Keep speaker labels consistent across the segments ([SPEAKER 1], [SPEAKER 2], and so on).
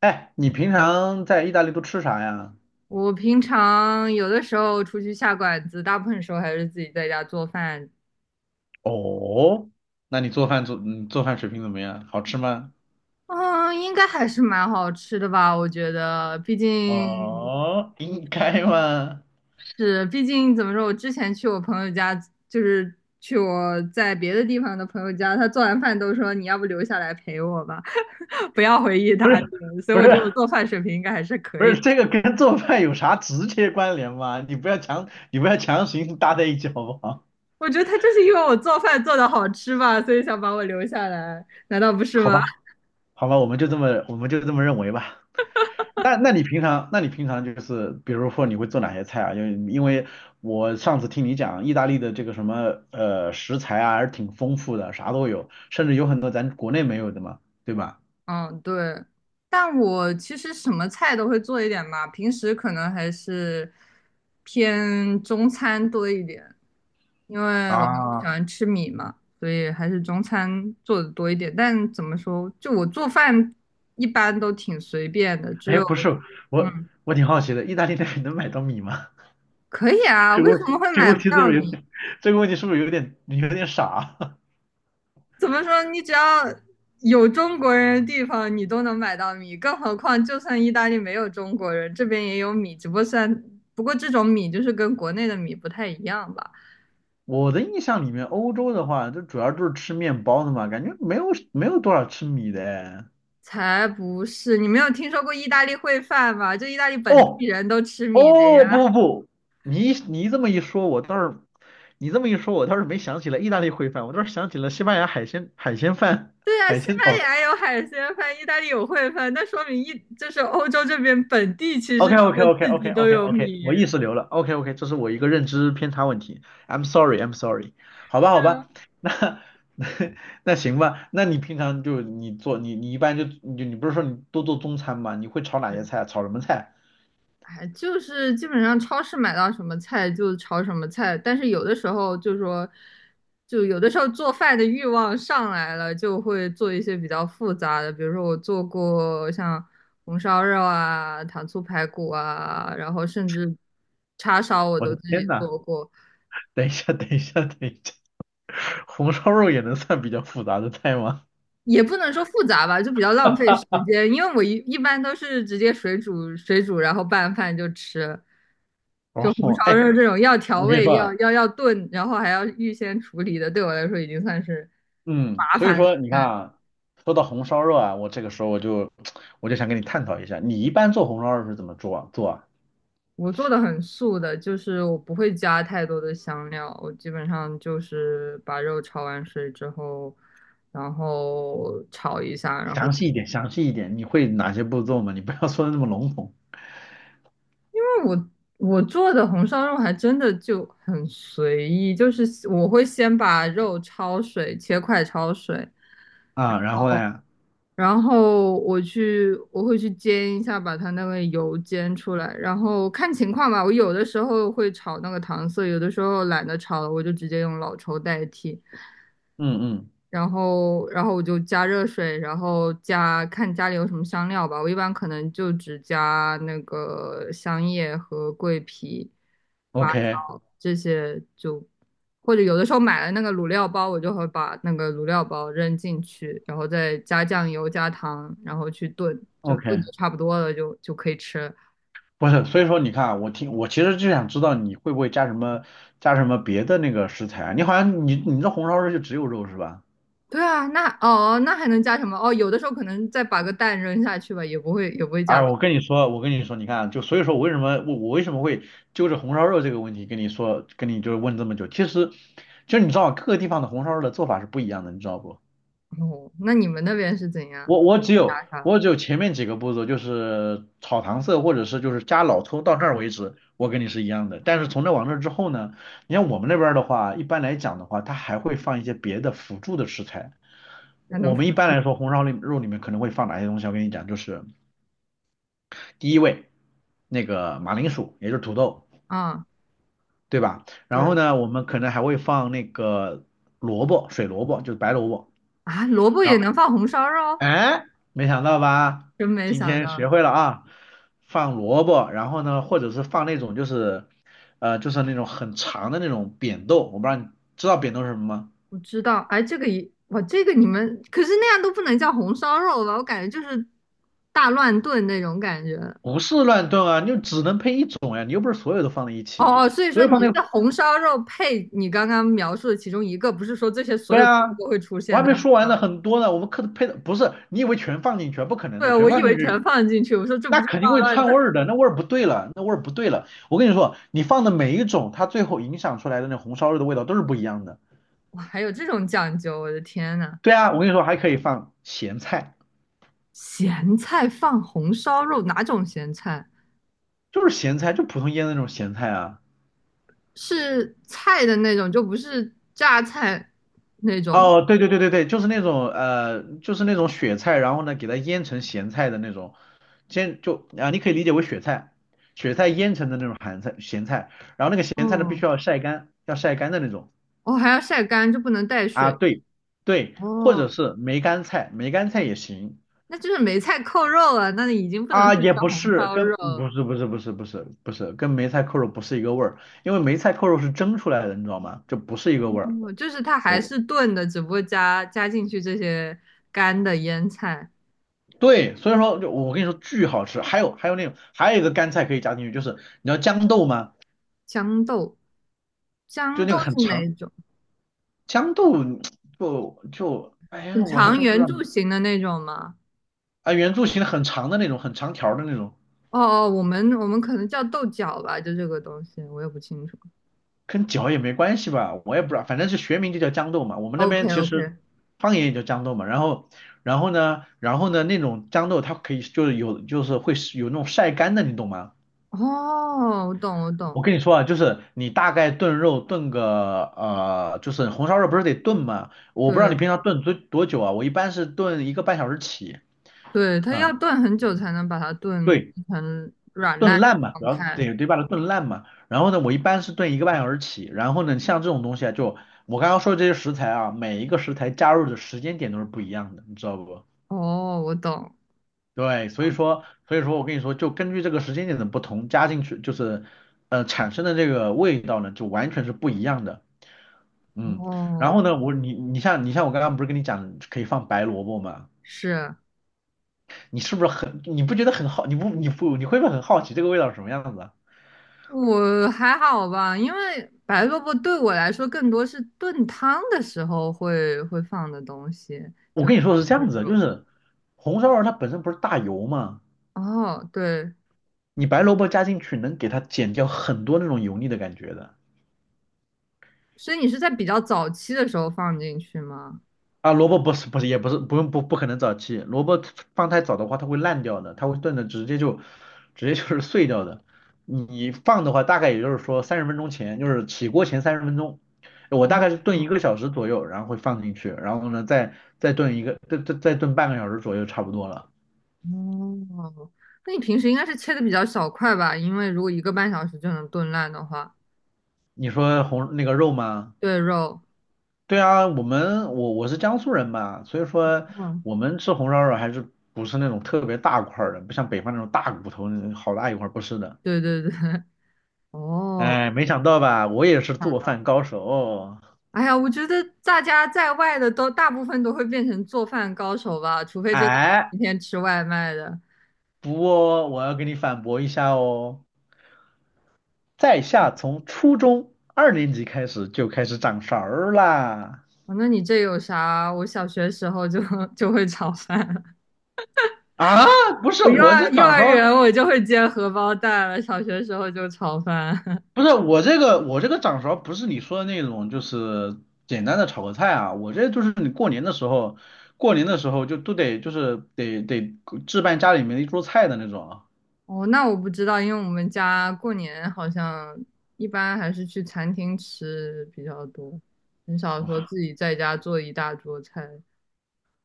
[SPEAKER 1] 哎，你平常在意大利都吃啥呀？
[SPEAKER 2] 我平常有的时候出去下馆子，大部分时候还是自己在家做饭。
[SPEAKER 1] 哦，那你做饭水平怎么样？好吃吗？
[SPEAKER 2] 嗯，应该还是蛮好吃的吧？我觉得，毕竟
[SPEAKER 1] 哦，应该吗？
[SPEAKER 2] 是，毕竟怎么说，我之前去我朋友家，就是去我在别的地方的朋友家，他做完饭都说你要不留下来陪我吧，不要回意
[SPEAKER 1] 不是，
[SPEAKER 2] 大利了，所以
[SPEAKER 1] 不
[SPEAKER 2] 我
[SPEAKER 1] 是，
[SPEAKER 2] 觉得我做饭水平应该还是可
[SPEAKER 1] 不
[SPEAKER 2] 以。
[SPEAKER 1] 是，这个跟做饭有啥直接关联吗？你不要强行搭在一起好不好？
[SPEAKER 2] 我觉得他就是因为我做饭做的好吃吧，所以想把我留下来，难道不是
[SPEAKER 1] 好
[SPEAKER 2] 吗？
[SPEAKER 1] 吧，好吧，我们就这么认为吧。那你平常，那你平常就是，比如说你会做哪些菜啊？因为我上次听你讲，意大利的这个什么食材啊，还是挺丰富的，啥都有，甚至有很多咱国内没有的嘛，对吧？
[SPEAKER 2] 嗯，对，但我其实什么菜都会做一点吧，平时可能还是偏中餐多一点，因为我很喜
[SPEAKER 1] 啊，
[SPEAKER 2] 欢吃米嘛，所以还是中餐做的多一点。但怎么说，就我做饭一般都挺随便的，只
[SPEAKER 1] 哎，
[SPEAKER 2] 有
[SPEAKER 1] 不是，我
[SPEAKER 2] 嗯，
[SPEAKER 1] 我挺好奇的，意大利那边能买到米吗？
[SPEAKER 2] 可以 啊，
[SPEAKER 1] 这个
[SPEAKER 2] 为什
[SPEAKER 1] 问
[SPEAKER 2] 么会
[SPEAKER 1] 这个
[SPEAKER 2] 买
[SPEAKER 1] 问
[SPEAKER 2] 不
[SPEAKER 1] 题是
[SPEAKER 2] 到
[SPEAKER 1] 不是有
[SPEAKER 2] 米？
[SPEAKER 1] 点，这个问题是不是有点傻？
[SPEAKER 2] 怎么说？你只要有中国人的地方，你都能买到米。更何况，就算意大利没有中国人，这边也有米，只不过算，不过这种米就是跟国内的米不太一样吧？
[SPEAKER 1] 我的印象里面，欧洲的话，就主要就是吃面包的嘛，感觉没有多少吃米的哎。
[SPEAKER 2] 才不是！你没有听说过意大利烩饭吗？就意大利本
[SPEAKER 1] 哦，
[SPEAKER 2] 地人都吃米的
[SPEAKER 1] 哦，
[SPEAKER 2] 呀。
[SPEAKER 1] 不不不，你这么一说，我倒是，你这么一说，我倒是没想起来意大利烩饭，我倒是想起了西班牙海鲜饭、
[SPEAKER 2] 对呀，
[SPEAKER 1] 海
[SPEAKER 2] 西
[SPEAKER 1] 鲜
[SPEAKER 2] 班
[SPEAKER 1] 哦。
[SPEAKER 2] 牙有海鲜饭，意大利有烩饭，那说明就是欧洲这边本地其
[SPEAKER 1] OK
[SPEAKER 2] 实他
[SPEAKER 1] OK
[SPEAKER 2] 们
[SPEAKER 1] OK
[SPEAKER 2] 自
[SPEAKER 1] OK
[SPEAKER 2] 己都
[SPEAKER 1] OK
[SPEAKER 2] 有
[SPEAKER 1] OK，
[SPEAKER 2] 米。
[SPEAKER 1] 我意识流了。OK OK，这是我一个认知偏差问题。I'm sorry, I'm sorry。好吧，
[SPEAKER 2] 对
[SPEAKER 1] 好
[SPEAKER 2] 啊，
[SPEAKER 1] 吧，那 那行吧，那你平常就你做你你一般就你就你不是说你多做中餐吗？你会炒哪些
[SPEAKER 2] 是，
[SPEAKER 1] 菜啊炒什么菜？
[SPEAKER 2] 哎，就是基本上超市买到什么菜就炒什么菜，但是有的时候就说，就有的时候做饭的欲望上来了，就会做一些比较复杂的，比如说我做过像红烧肉啊、糖醋排骨啊，然后甚至叉烧我
[SPEAKER 1] 我
[SPEAKER 2] 都
[SPEAKER 1] 的
[SPEAKER 2] 自
[SPEAKER 1] 天
[SPEAKER 2] 己
[SPEAKER 1] 呐，
[SPEAKER 2] 做过，
[SPEAKER 1] 等一下，等一下，等一下，红烧肉也能算比较复杂的菜吗？
[SPEAKER 2] 也不能说复杂吧，就比较浪费时间，因为我一般都是直接水煮水煮，然后拌饭就吃，就红
[SPEAKER 1] 哦，
[SPEAKER 2] 烧
[SPEAKER 1] 哎，
[SPEAKER 2] 肉这种要调
[SPEAKER 1] 我跟你
[SPEAKER 2] 味、
[SPEAKER 1] 说
[SPEAKER 2] 明要
[SPEAKER 1] 啊，
[SPEAKER 2] 白要要炖，然后还要预先处理的，对我来说已经算是
[SPEAKER 1] 嗯，
[SPEAKER 2] 麻
[SPEAKER 1] 所以
[SPEAKER 2] 烦了。
[SPEAKER 1] 说你看啊，说到红烧肉啊，我这个时候我就 我就想跟你探讨一下，你一般做红烧肉是怎么做啊？做啊？
[SPEAKER 2] 我做的很素的，就是我不会加太多的香料，我基本上就是把肉焯完水之后，然后炒一下，然后。
[SPEAKER 1] 详细一点，详细一点，你会哪些步骤吗？你不要 说的那么笼统
[SPEAKER 2] 我我做的红烧肉还真的就很随意，就是我会先把肉焯水，切块焯水，
[SPEAKER 1] 啊。然后呢，
[SPEAKER 2] 然后我会去煎一下，把它那个油煎出来，然后看情况吧。我有的时候会炒那个糖色，有的时候懒得炒了，我就直接用老抽代替。
[SPEAKER 1] 嗯嗯
[SPEAKER 2] 然后我就加热水，然后加看家里有什么香料吧。我一般可能就只加那个香叶和桂皮、八
[SPEAKER 1] ，OK
[SPEAKER 2] 角这些就，或者有的时候买了那个卤料包，我就会把那个卤料包扔进去，然后再加酱油、加糖，然后去炖，就炖
[SPEAKER 1] OK，
[SPEAKER 2] 的差不多了就可以吃了。
[SPEAKER 1] 不是，所以说你看啊我其实就想知道你会不会加什么别的那个食材啊？你好像你你这红烧肉就只有肉是吧？
[SPEAKER 2] 对啊，那哦，那还能加什么？哦，有的时候可能再把个蛋扔下去吧，也不会
[SPEAKER 1] 哎，
[SPEAKER 2] 加别
[SPEAKER 1] 我跟你说，我跟你说，你看啊，就所以说我为什么会揪着红烧肉这个问题跟你就是问这么久，其实就你知道各个地方的红烧肉的做法是不一样的，你知道不？
[SPEAKER 2] 的。哦，那你们那边是怎样？
[SPEAKER 1] 我只有前面几个步骤，就是炒糖色或者是就是加老抽到这儿为止，我跟你是一样的。但是从这往那之后呢，你像我们那边儿的话，一般来讲的话，它还会放一些别的辅助的食材。
[SPEAKER 2] 还能
[SPEAKER 1] 我
[SPEAKER 2] 复
[SPEAKER 1] 们一般来说红烧里肉里面可能会放哪些东西？我跟你讲，就是。第一位那个马铃薯，也就是土豆，
[SPEAKER 2] 啊？
[SPEAKER 1] 对吧？然后
[SPEAKER 2] 对
[SPEAKER 1] 呢，我们可能还会放那个萝卜，水萝卜，就是白萝卜。
[SPEAKER 2] 啊，萝卜
[SPEAKER 1] 然
[SPEAKER 2] 也
[SPEAKER 1] 后，
[SPEAKER 2] 能放红烧肉，
[SPEAKER 1] 哎，没想到吧？
[SPEAKER 2] 真没
[SPEAKER 1] 今
[SPEAKER 2] 想
[SPEAKER 1] 天学
[SPEAKER 2] 到。
[SPEAKER 1] 会了啊，放萝卜，然后呢，或者是放那种就是那种很长的那种扁豆，我不知道你知道扁豆是什么吗？
[SPEAKER 2] 我知道，哎，这个一哇，这个你们可是那样都不能叫红烧肉吧？我感觉就是大乱炖那种感觉。
[SPEAKER 1] 不是乱炖啊，你就只能配一种呀，你又不是所有都放在一起，
[SPEAKER 2] 哦哦，所以
[SPEAKER 1] 所
[SPEAKER 2] 说
[SPEAKER 1] 有
[SPEAKER 2] 你
[SPEAKER 1] 放在
[SPEAKER 2] 是红烧肉配你刚刚描述的其中一个，不是说这些所
[SPEAKER 1] 对
[SPEAKER 2] 有
[SPEAKER 1] 啊，
[SPEAKER 2] 都会出
[SPEAKER 1] 我
[SPEAKER 2] 现
[SPEAKER 1] 还没
[SPEAKER 2] 在红
[SPEAKER 1] 说完呢，
[SPEAKER 2] 烧肉？
[SPEAKER 1] 很多呢。我们课的配的不是，你以为全放进去啊，不可能
[SPEAKER 2] 对
[SPEAKER 1] 的，
[SPEAKER 2] 啊，
[SPEAKER 1] 全
[SPEAKER 2] 我以
[SPEAKER 1] 放进
[SPEAKER 2] 为
[SPEAKER 1] 去
[SPEAKER 2] 全放进去，我说这不
[SPEAKER 1] 那
[SPEAKER 2] 就大
[SPEAKER 1] 肯定会
[SPEAKER 2] 乱
[SPEAKER 1] 串味
[SPEAKER 2] 炖？
[SPEAKER 1] 儿的，那味儿不对了，那味儿不对了。我跟你说，你放的每一种，它最后影响出来的那红烧肉的味道都是不一样的。
[SPEAKER 2] 哇，还有这种讲究，我的天呐！
[SPEAKER 1] 对啊，我跟你说，还可以放咸菜，
[SPEAKER 2] 咸菜放红烧肉，哪种咸菜？
[SPEAKER 1] 就是咸菜，就普通腌的那种咸菜啊。
[SPEAKER 2] 是菜的那种，就不是榨菜那种。
[SPEAKER 1] 哦，对，对，对，对，对，就是那种呃，就是那种雪菜，然后呢，给它腌成咸菜的那种，先就啊，你可以理解为雪菜，雪菜腌成的那种咸菜，然后那个咸菜呢，必
[SPEAKER 2] 哦，
[SPEAKER 1] 须要晒干，要晒干的那种
[SPEAKER 2] 哦，还要晒干，就不能带
[SPEAKER 1] 啊，
[SPEAKER 2] 水。
[SPEAKER 1] 对，对，或者
[SPEAKER 2] 哦，
[SPEAKER 1] 是梅干菜，梅干菜也行
[SPEAKER 2] 那就是梅菜扣肉了，那已经不能
[SPEAKER 1] 啊，
[SPEAKER 2] 算
[SPEAKER 1] 也
[SPEAKER 2] 叫
[SPEAKER 1] 不
[SPEAKER 2] 红
[SPEAKER 1] 是
[SPEAKER 2] 烧
[SPEAKER 1] 跟
[SPEAKER 2] 肉
[SPEAKER 1] 不
[SPEAKER 2] 了。
[SPEAKER 1] 是不是不是不是不是跟梅菜扣肉不是一个味儿，因为梅菜扣肉是蒸出来的，你知道吗？就不是一个味儿。
[SPEAKER 2] 哦，就是它还
[SPEAKER 1] 我。
[SPEAKER 2] 是炖的，只不过加进去这些干的腌菜。
[SPEAKER 1] 对，所以说就我跟你说巨好吃，还有那种还有一个干菜可以加进去，就是你知道豇豆吗？
[SPEAKER 2] 豇豆，豇
[SPEAKER 1] 就那
[SPEAKER 2] 豆
[SPEAKER 1] 个很
[SPEAKER 2] 是哪一
[SPEAKER 1] 长
[SPEAKER 2] 种？
[SPEAKER 1] 豇豆就哎呀，
[SPEAKER 2] 很
[SPEAKER 1] 我还
[SPEAKER 2] 长
[SPEAKER 1] 真不知
[SPEAKER 2] 圆
[SPEAKER 1] 道
[SPEAKER 2] 柱形的那种吗？
[SPEAKER 1] 啊，圆柱形的很长的那种，很长条的那种，
[SPEAKER 2] 哦哦，我们可能叫豆角吧，就这个东西，我也不清楚。
[SPEAKER 1] 跟脚也没关系吧？我也不知道，反正是学名就叫豇豆嘛，我们那
[SPEAKER 2] OK
[SPEAKER 1] 边其实
[SPEAKER 2] OK，
[SPEAKER 1] 方言也叫豇豆嘛。然后然后呢,那种豇豆它可以就是有就是会是有那种晒干的，你懂吗？
[SPEAKER 2] 哦，我懂我
[SPEAKER 1] 我
[SPEAKER 2] 懂，
[SPEAKER 1] 跟你说啊，就是你大概炖肉炖个就是红烧肉不是得炖吗？我不知道
[SPEAKER 2] 对。
[SPEAKER 1] 你平常炖多久啊，我一般是炖一个半小时起，
[SPEAKER 2] 对，它要
[SPEAKER 1] 嗯，
[SPEAKER 2] 炖很久才能把它炖
[SPEAKER 1] 对，
[SPEAKER 2] 成软烂
[SPEAKER 1] 炖
[SPEAKER 2] 的
[SPEAKER 1] 烂嘛，主
[SPEAKER 2] 状
[SPEAKER 1] 要是
[SPEAKER 2] 态。
[SPEAKER 1] 得把它炖烂嘛。然后呢，我一般是炖一个半小时起，然后呢，像这种东西啊，就我刚刚说的这些食材啊，每一个食材加入的时间点都是不一样的，你知道不？
[SPEAKER 2] 哦，我懂。
[SPEAKER 1] 对，所以说，我跟你说，就根据这个时间点的不同，加进去就是，产生的这个味道呢，就完全是不一样的。嗯，然
[SPEAKER 2] 哦，
[SPEAKER 1] 后呢，我你你像你像我刚刚不是跟你讲可以放白萝卜吗？
[SPEAKER 2] 是，
[SPEAKER 1] 你不觉得很好？你会不会很好奇这个味道是什么样子啊？
[SPEAKER 2] 我还好吧，因为白萝卜对我来说更多是炖汤的时候会放的东西，
[SPEAKER 1] 我
[SPEAKER 2] 就
[SPEAKER 1] 跟你
[SPEAKER 2] 比
[SPEAKER 1] 说是这
[SPEAKER 2] 如
[SPEAKER 1] 样子的，就
[SPEAKER 2] 说
[SPEAKER 1] 是红烧肉它本身不是大油吗？
[SPEAKER 2] 哦，对，
[SPEAKER 1] 你白萝卜加进去能给它减掉很多那种油腻的感觉的。
[SPEAKER 2] 所以你是在比较早期的时候放进去吗？
[SPEAKER 1] 啊，萝卜不是也不是不用不可能早期，萝卜放太早的话它会烂掉的，它会炖的直接就是 碎掉的。你放的话大概也就是说三十分钟前，就是起锅前三十分钟，我大
[SPEAKER 2] 嗯
[SPEAKER 1] 概是炖一
[SPEAKER 2] 嗯，
[SPEAKER 1] 个小时左右，然后会放进去，然后呢再炖半个小时左右差不多了。
[SPEAKER 2] 哦，那你平时应该是切的比较小块吧？因为如果一个半小时就能炖烂的话，
[SPEAKER 1] 你说那个肉吗？
[SPEAKER 2] 对肉。
[SPEAKER 1] 对啊，我们我我是江苏人嘛，所以说
[SPEAKER 2] 哦，
[SPEAKER 1] 我们吃红烧肉还是不是那种特别大块儿的，不像北方那种大骨头好大一块儿不是的。
[SPEAKER 2] 对对对，哦，
[SPEAKER 1] 哎，没想到吧，我也是
[SPEAKER 2] 看
[SPEAKER 1] 做
[SPEAKER 2] 到，
[SPEAKER 1] 饭高手哦。
[SPEAKER 2] 哎呀，我觉得大家在外的都大部分都会变成做饭高手吧，除非真的是
[SPEAKER 1] 哎，
[SPEAKER 2] 天天吃外卖的。
[SPEAKER 1] 不过我要给你反驳一下哦，在下从初中二年级开始就开始掌勺儿啦。
[SPEAKER 2] 哦，那你这有啥？我小学时候就 就会炒饭，
[SPEAKER 1] 啊，不是
[SPEAKER 2] 我幼
[SPEAKER 1] 我这
[SPEAKER 2] 儿幼
[SPEAKER 1] 掌勺
[SPEAKER 2] 儿
[SPEAKER 1] 儿，
[SPEAKER 2] 园我就会煎荷包蛋了，小学时候就炒饭。
[SPEAKER 1] 不是我这个掌勺儿不是你说的那种，就是简单的炒个菜啊。我这就是你过年的时候，过年的时候就都得就是得置办家里面的一桌菜的那种啊。
[SPEAKER 2] 哦，那我不知道，因为我们家过年好像一般还是去餐厅吃比较多，很少说自己在家做一大桌菜。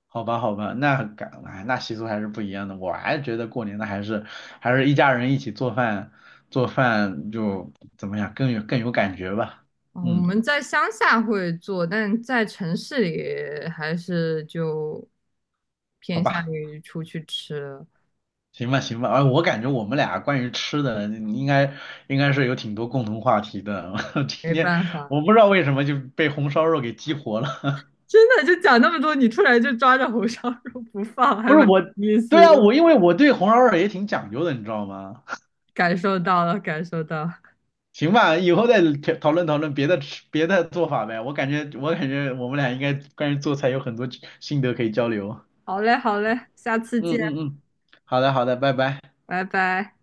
[SPEAKER 1] 好吧，好吧，哎，那习俗还是不一样的。我还是觉得过年的还是一家人一起做饭，做饭就怎么样更有感觉吧。
[SPEAKER 2] 哦，我
[SPEAKER 1] 嗯，
[SPEAKER 2] 们在乡下会做，但在城市里还是就
[SPEAKER 1] 好
[SPEAKER 2] 偏向
[SPEAKER 1] 吧，
[SPEAKER 2] 于出去吃了，
[SPEAKER 1] 行吧，行吧。哎，我感觉我们俩关于吃的应该是有挺多共同话题的。今
[SPEAKER 2] 没
[SPEAKER 1] 天
[SPEAKER 2] 办法。
[SPEAKER 1] 我不知道为什么就被红烧肉给激活了。
[SPEAKER 2] 真的，就讲那么多，你突然就抓着红烧肉不放，
[SPEAKER 1] 不
[SPEAKER 2] 还
[SPEAKER 1] 是
[SPEAKER 2] 蛮
[SPEAKER 1] 我，
[SPEAKER 2] 有意
[SPEAKER 1] 对
[SPEAKER 2] 思
[SPEAKER 1] 啊，
[SPEAKER 2] 的，
[SPEAKER 1] 因为我对红烧肉也挺讲究的，你知道吗？
[SPEAKER 2] 感受到了，感受到了。
[SPEAKER 1] 行吧，以后再讨论讨论别的做法呗。我感觉我们俩应该关于做菜有很多心得可以交流。
[SPEAKER 2] 好嘞，好嘞，下次见，
[SPEAKER 1] 嗯嗯嗯，好的好的，拜拜。
[SPEAKER 2] 拜拜。